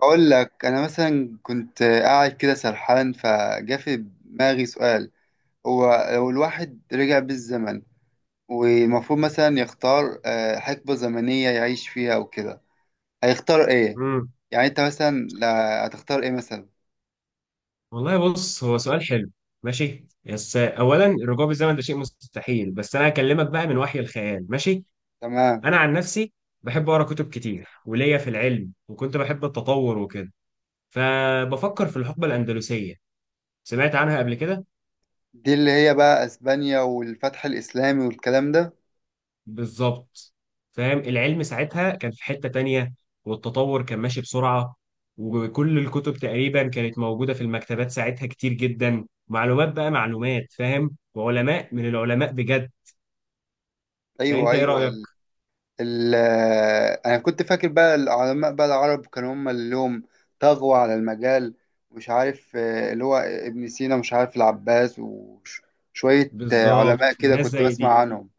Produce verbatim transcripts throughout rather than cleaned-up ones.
اقول لك انا مثلا كنت قاعد كده سرحان فجا في دماغي سؤال. هو لو الواحد رجع بالزمن والمفروض مثلا يختار آه، حقبة زمنية يعيش فيها وكده، هيختار ايه؟ امم يعني انت مثلا لا- هتختار ايه مثلا؟ والله، بص هو سؤال حلو. ماشي، بس اولا الرجوع بالزمن ده شيء مستحيل، بس انا هكلمك بقى من وحي الخيال. ماشي. تمام. انا عن نفسي بحب اقرا كتب كتير وليا في العلم، وكنت بحب التطور وكده، فبفكر في الحقبه الاندلسيه. سمعت عنها قبل كده. دي اللي هي بقى اسبانيا والفتح الاسلامي والكلام ده. بالظبط. فاهم، العلم ساعتها كان في حته تانية، والتطور كان ماشي بسرعه، وكل الكتب تقريبا كانت موجوده في المكتبات ساعتها، كتير جدا معلومات بقى معلومات، فاهم، وعلماء من العلماء بجد. يعني ايوه انت ايه ايوه. رايك؟ ال- انا كنت فاكر بقى العلماء بقى العرب كانوا هم اللي لهم، طغوا على المجال. مش عارف آه، اللي هو ابن سينا، مش عارف العباس وشوية علماء بالظبط، كده الناس كنت زي دي. بسمع عنهم.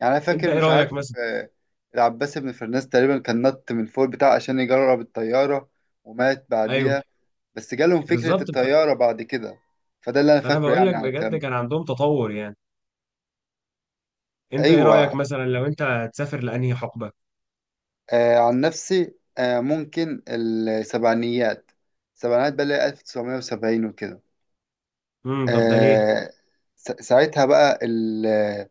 يعني انا انت فاكر، ايه مش عارف رايك مثلا؟ آه، العباس ابن فرناس تقريبا كان نط من فوق بتاع عشان يجرب الطيارة ومات ايوه بعديها. بس جالهم فكرة بالظبط. ف... الطيارة بعد كده. فده اللي انا فانا فاكره بقول لك يعني على بجد الكلام كان ده. عندهم تطور يعني. انت ايه رايك ايوه. مثلا لو انت هتسافر لانهي حقبه؟ آه عن نفسي، آه ممكن السبعينيات. السبعينيات بقى اللي هي ألف وتسعمية وسبعين وكده. امم طب ده ليه؟ آه، س- ساعتها بقى ال-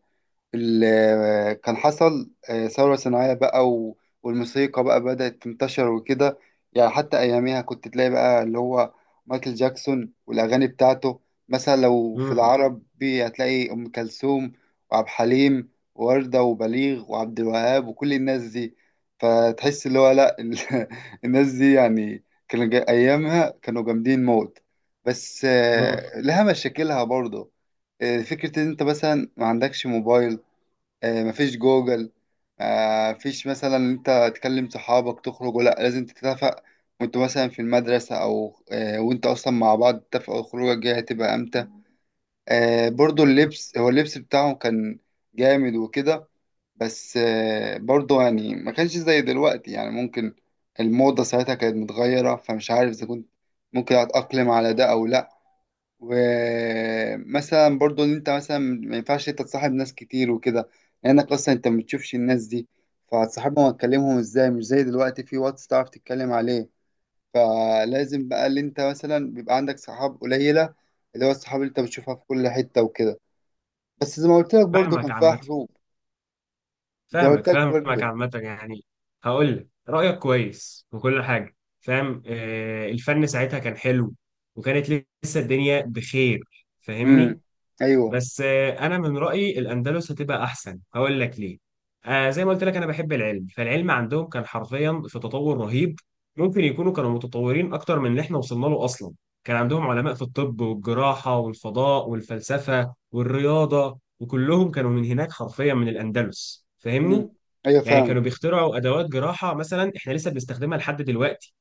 ال- آه، كان حصل آه، ثورة صناعية بقى و- والموسيقى بقى بدأت تنتشر وكده. يعني حتى أياميها كنت تلاقي بقى اللي هو مايكل جاكسون والأغاني بتاعته. مثلا لو في امم العربي هتلاقي أم كلثوم وعبد الحليم ووردة وبليغ وعبد الوهاب وكل الناس دي. فتحس اللي هو لأ، ال- الناس دي يعني كانوا جا- أيامها كانوا جامدين موت. بس امم آه، لها مشاكلها برضه. آه، فكرة إن أنت مثلا ما عندكش موبايل، آه، مفيش جوجل، آه، مفيش مثلا إن انت تكلم صحابك تخرج، ولا لازم تتفق وانت مثلا في المدرسة او آه، وانت اصلا مع بعض تتفقوا الخروجة الجاية هتبقى امتى. آه، برضو اللبس، هو اللبس بتاعهم كان جامد وكده. بس آه، برضو يعني ما كانش زي دلوقتي، يعني ممكن الموضة ساعتها كانت متغيرة، فمش عارف اذا كنت ممكن اتأقلم على ده او لا. ومثلا برضو ان انت مثلا ما ينفعش انت تصاحب ناس كتير وكده، لانك اصلا انت ما بتشوفش الناس دي. فهتصاحبهم وتكلمهم ازاي؟ مش زي دلوقتي في واتس تعرف تتكلم عليه. فلازم بقى اللي انت مثلا بيبقى عندك صحاب قليلة، اللي هو الصحاب اللي انت بتشوفها في كل حتة وكده. بس زي ما قلت لك برضو فاهمك كان فيها عامه، حروب. زي ما فاهمك قلت لك فاهمك برضو. عامه يعني. هقول لك رايك كويس وكل حاجه. فاهم، آه الفن ساعتها كان حلو، وكانت لسه الدنيا بخير. امم. فاهمني. ايوه. بس آه، انا من رايي الاندلس هتبقى احسن، هقول لك ليه. آه زي ما قلت لك انا بحب العلم، فالعلم عندهم كان حرفيا في تطور رهيب. ممكن يكونوا كانوا متطورين اكتر من اللي احنا وصلنا له اصلا. كان عندهم علماء في الطب والجراحه والفضاء والفلسفه والرياضه، وكلهم كانوا من هناك حرفيا، من الاندلس. امم. فاهمني. ايوه يعني فاهم. كانوا بيخترعوا ادوات جراحه مثلا احنا لسه بنستخدمها لحد دلوقتي.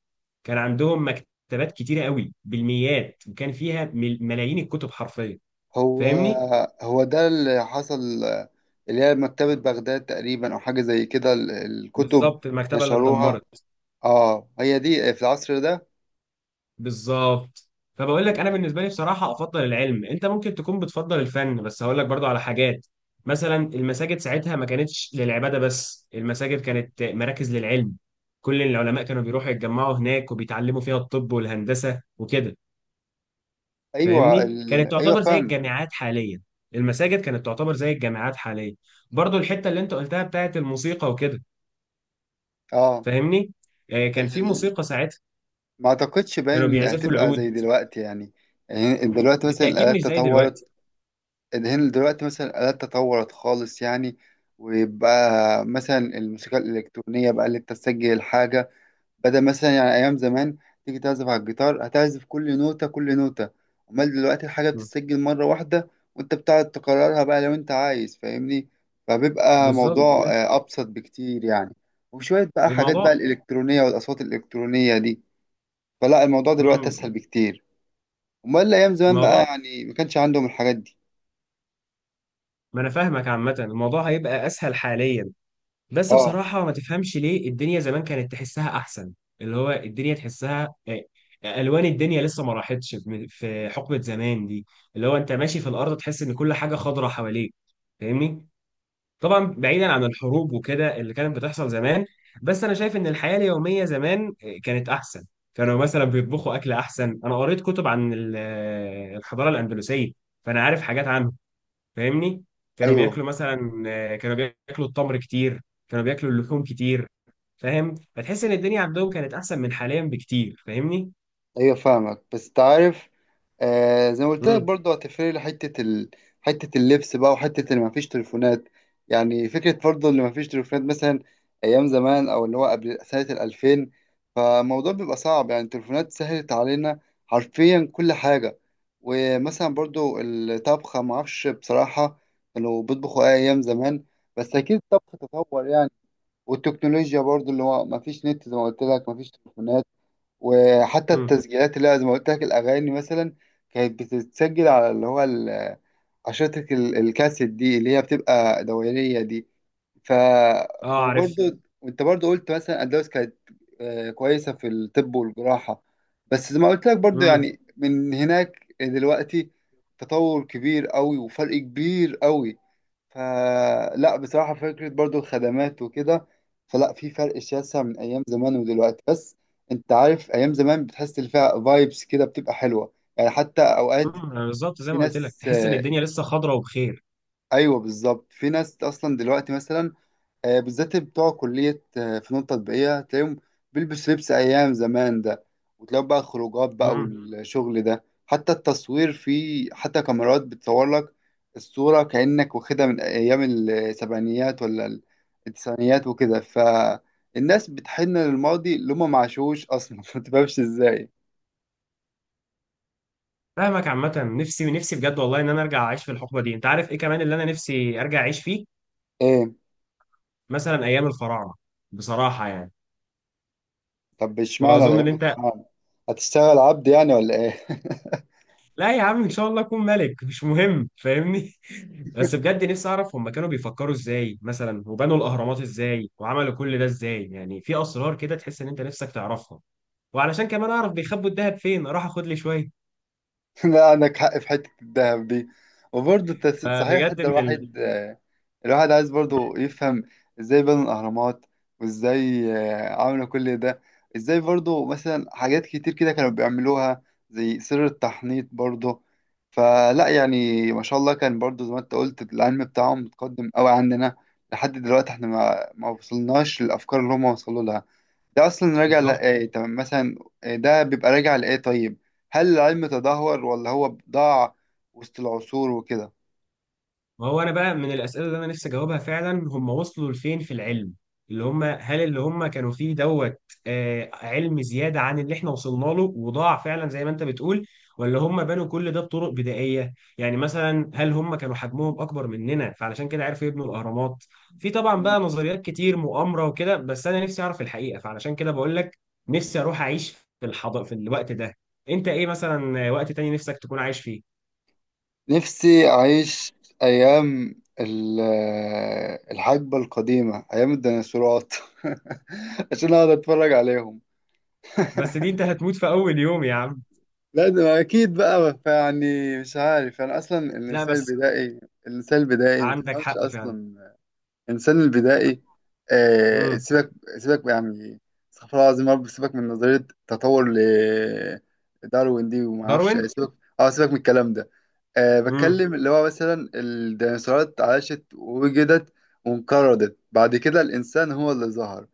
كان عندهم مكتبات كتيره قوي بالميات، وكان فيها مل- ملايين الكتب حرفيا. هو فاهمني. هو ده اللي حصل. اللي هي مكتبة بغداد تقريبا أو حاجة زي كده، ال- الكتب بالظبط، المكتبه اللي نشروها. اتدمرت. اه هي دي في العصر ده. بالظبط. فبقول لك انا تمام. بالنسبه لي بصراحه افضل العلم. انت ممكن تكون بتفضل الفن، بس هقول لك برضو على حاجات. مثلا المساجد ساعتها ما كانتش للعباده بس، المساجد كانت مراكز للعلم. كل العلماء كانوا بيروحوا يتجمعوا هناك وبيتعلموا فيها الطب والهندسه وكده. أيوة فاهمني، ال... كانت أيوة تعتبر زي فاهمة. الجامعات حاليا. المساجد كانت تعتبر زي الجامعات حاليا. برضو الحته اللي انت قلتها بتاعت الموسيقى وكده. اه فاهمني. آه، كان في ال... موسيقى ساعتها، ما أعتقدش كانوا باين بيعزفوا هتبقى العود. زي دلوقتي يعني. يعني دلوقتي مثلا بالتأكيد مش الآلات زي تطورت. دلوقتي. هنا دلوقتي مثلا الآلات تطورت خالص يعني، ويبقى مثلا الموسيقى الإلكترونية بقى اللي تسجل حاجة، بدل مثلا يعني ايام زمان تيجي تعزف على الجيتار هتعزف كل نوتة كل نوتة. امال دلوقتي الحاجة مم. بتتسجل مرة واحدة وانت بتقعد تكررها بقى لو انت عايز، فاهمني؟ فبيبقى بالظبط، موضوع ماشي. آه، ابسط بكتير يعني. وشوية بقى حاجات الموضوع. بقى الالكترونية والاصوات الالكترونية دي. فلا الموضوع دلوقتي مم. اسهل بكتير. امال ايام زمان بقى الموضوع، يعني ما كانش عندهم الحاجات دي. ما أنا فاهمك عامة، الموضوع هيبقى أسهل حاليا. بس اه. بصراحة ما تفهمش ليه الدنيا زمان كانت تحسها أحسن. اللي هو الدنيا تحسها، آه، ألوان الدنيا لسه ما راحتش في في حقبة زمان دي. اللي هو أنت ماشي في الأرض تحس إن كل حاجة خضرة حواليك. فاهمني. طبعا بعيدا عن الحروب وكده اللي كانت بتحصل زمان، بس انا شايف ان الحياه اليوميه زمان آه، كانت احسن. كانوا مثلا بيطبخوا اكل احسن. انا قريت كتب عن ال- آه، الحضاره الاندلسيه، فانا عارف حاجات عنه. فاهمني. كانوا ايوه. بياكلوا مثلا، آه، كانوا بياكلوا التمر كتير. كانوا بياكلوا اللحوم كتير. فاهم، فتحس ان الدنيا عندهم كانت احسن من حاليا بكتير. فاهمني. ايوه فاهمك، بس تعرف، آه زي ما قلت لك امم برضه هتفرق لي حتة ال... حتة اللبس بقى وحتة اللي مفيش تليفونات. يعني فكرة برضه اللي مفيش تليفونات مثلا أيام زمان، أو اللي هو قبل سنة الألفين، فالموضوع بيبقى صعب. يعني التليفونات سهلت علينا حرفيا كل حاجة. ومثلا برضه الطبخة معرفش بصراحة كانوا بيطبخوا إيه أيام زمان، بس أكيد الطبخ تطور يعني. والتكنولوجيا برضه اللي هو مفيش نت زي ما قلت لك، مفيش تليفونات، وحتى امم التسجيلات اللي هي زي ما قلت لك الاغاني مثلا كانت بتتسجل على اللي هو ال- عشرة ال- الكاسيت دي اللي هي بتبقى دورية دي. ف، اه، عارف. وبرضه وانت برضه قلت مثلا اندلس كانت آه، كويسة في الطب والجراحة. بس زي ما قلت لك برضه، امم يعني من هناك دلوقتي تطور كبير قوي وفرق كبير قوي. فلا بصراحة، فكرة برضو الخدمات وكده، فلا في فرق شاسع من أيام زمان ودلوقتي. بس أنت عارف أيام زمان بتحس اللي فيها فايبس كده بتبقى حلوة يعني، حتى أوقات امم بالظبط، زي في ما قلت لك ناس تحس ان آه، الدنيا لسه خضره وبخير. أيوه بالظبط في ناس أصلا دلوقتي مثلا آه، بالذات بتوع كلية آه، فنون تطبيقية تلاقيهم بيلبس لبس أيام زمان ده. وتلاقوا بقى خروجات بقى مم. والشغل ده، حتى التصوير فيه حتى كاميرات بتصور لك الصورة كأنك واخدها من أيام السبعينيات، ولا التسعينيات وكده. فالناس بتحن للماضي اللي هما معاشوش أصلا ما تفهمش إزاي. فاهمك عامة. نفسي، نفسي بجد والله، ان انا ارجع اعيش في الحقبة دي. انت عارف ايه كمان اللي انا نفسي ارجع اعيش فيه؟ إيه؟ مثلا ايام الفراعنة، بصراحة يعني. طب اشمعنى واظن ان الأيام انت. الفراعنة؟ هتشتغل عبد يعني ولا إيه؟ لا يا عم، ان شاء الله اكون ملك، مش مهم، فاهمني. بس بجد نفسي اعرف هم كانوا بيفكروا ازاي مثلا، وبنوا الاهرامات ازاي، وعملوا كل ده ازاي، يعني في اسرار كده تحس ان انت نفسك تعرفها. وعلشان كمان اعرف بيخبوا الذهب فين اروح اخد لي شوية. لا عندك حق في حتة الذهب دي. وبرضه التس- صحيح، فبجد حتى من ال... الواحد آه، الواحد عايز برضه يفهم ازاي بنوا الأهرامات، وازاي آه، عملوا كل ده، ازاي برضه مثلا حاجات كتير كده كانوا بيعملوها، زي سر التحنيط برضه. فلا يعني ما شاء الله كان برضه زي ما انت قلت العلم بتاعهم متقدم قوي عننا. لحد دلوقتي احنا ما, ما وصلناش للأفكار اللي هم وصلوا لها. ده اصلا راجع بالظبط. لايه؟ تمام مثلا، آه، ده بيبقى راجع لايه؟ طيب، هل العلم تدهور ولا هو ضاع وسط العصور وكده؟ ما هو انا بقى من الاسئله اللي انا نفسي اجاوبها فعلا، هم وصلوا لفين في العلم؟ اللي هم هل اللي هم كانوا فيه دوت، آه علم زياده عن اللي احنا وصلنا له، وضاع فعلا زي ما انت بتقول؟ ولا هم بنوا كل ده بطرق بدائيه؟ يعني مثلا هل هم كانوا حجمهم اكبر مننا فعلشان كده عرفوا يبنوا الاهرامات؟ في طبعا بقى نظريات كتير مؤامره وكده، بس انا نفسي اعرف الحقيقه، فعلشان كده بقول لك نفسي اروح اعيش في الحض في الوقت ده. انت ايه مثلا وقت تاني نفسك تكون عايش فيه؟ نفسي اعيش ايام ال- آه، الحقبه القديمه ايام الديناصورات عشان اقعد اتفرج عليهم. بس دي انت هتموت في اول يوم يا عم. لا ده اكيد بقى، يعني مش عارف، انا اصلا لا الانسان بس. البدائي، الانسان البدائي ما عندك تفهمش حق فعلا. اصلا. الانسان البدائي آه امم سيبك، سيبك يعني. استغفر الله العظيم يا رب. سيبك من نظريه تطور ل- داروين دي وما اعرفش إيه، داروين. سيبك. اه سيبك من الكلام ده. آه امم بتكلم اللي هو مثلا الديناصورات عاشت ووجدت وانقرضت، بعد كده الانسان هو اللي ظهر.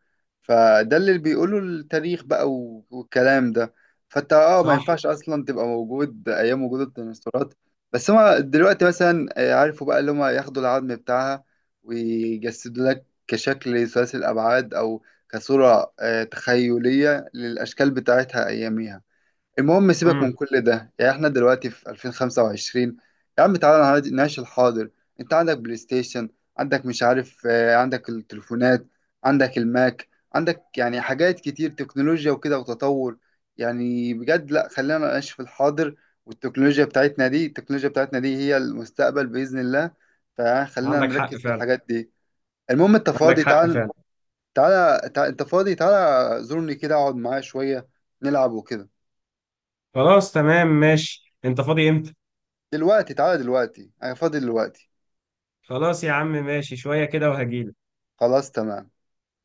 فده اللي بيقوله التاريخ بقى و- والكلام ده. فانت اه ما صح. ينفعش اصلا تبقى موجود ايام وجود الديناصورات. بس هما دلوقتي مثلا آه، عرفوا بقى اللي هما ياخدوا العظم بتاعها ويجسد لك كشكل ثلاثي الأبعاد، أو كصورة آه، تخيلية للأشكال بتاعتها أياميها. المهم سيبك من امم كل ده، يعني إحنا دلوقتي في ألفين وخمسة وعشرين يا عم. تعالى نعاد- نعيش الحاضر. أنت عندك بلاي ستيشن، عندك مش عارف آه، عندك التليفونات، عندك الماك، عندك يعني حاجات كتير تكنولوجيا وكده وتطور. يعني بجد لا، خلينا نعيش في الحاضر. والتكنولوجيا بتاعتنا دي، التكنولوجيا بتاعتنا دي هي المستقبل بإذن الله، فخلينا عندك حق نركز في فعلا. الحاجات دي. المهم انت عندك فاضي؟ حق فعلا. تعال، تعالى تعال، انت فاضي، تعالى زورني كده اقعد معايا شوية، نلعب وكده. خلاص تمام ماشي، انت فاضي امتى؟ دلوقتي، تعالى دلوقتي، انا فاضي دلوقتي. خلاص يا عم، ماشي، شوية كده وهجيلك. خلاص تمام.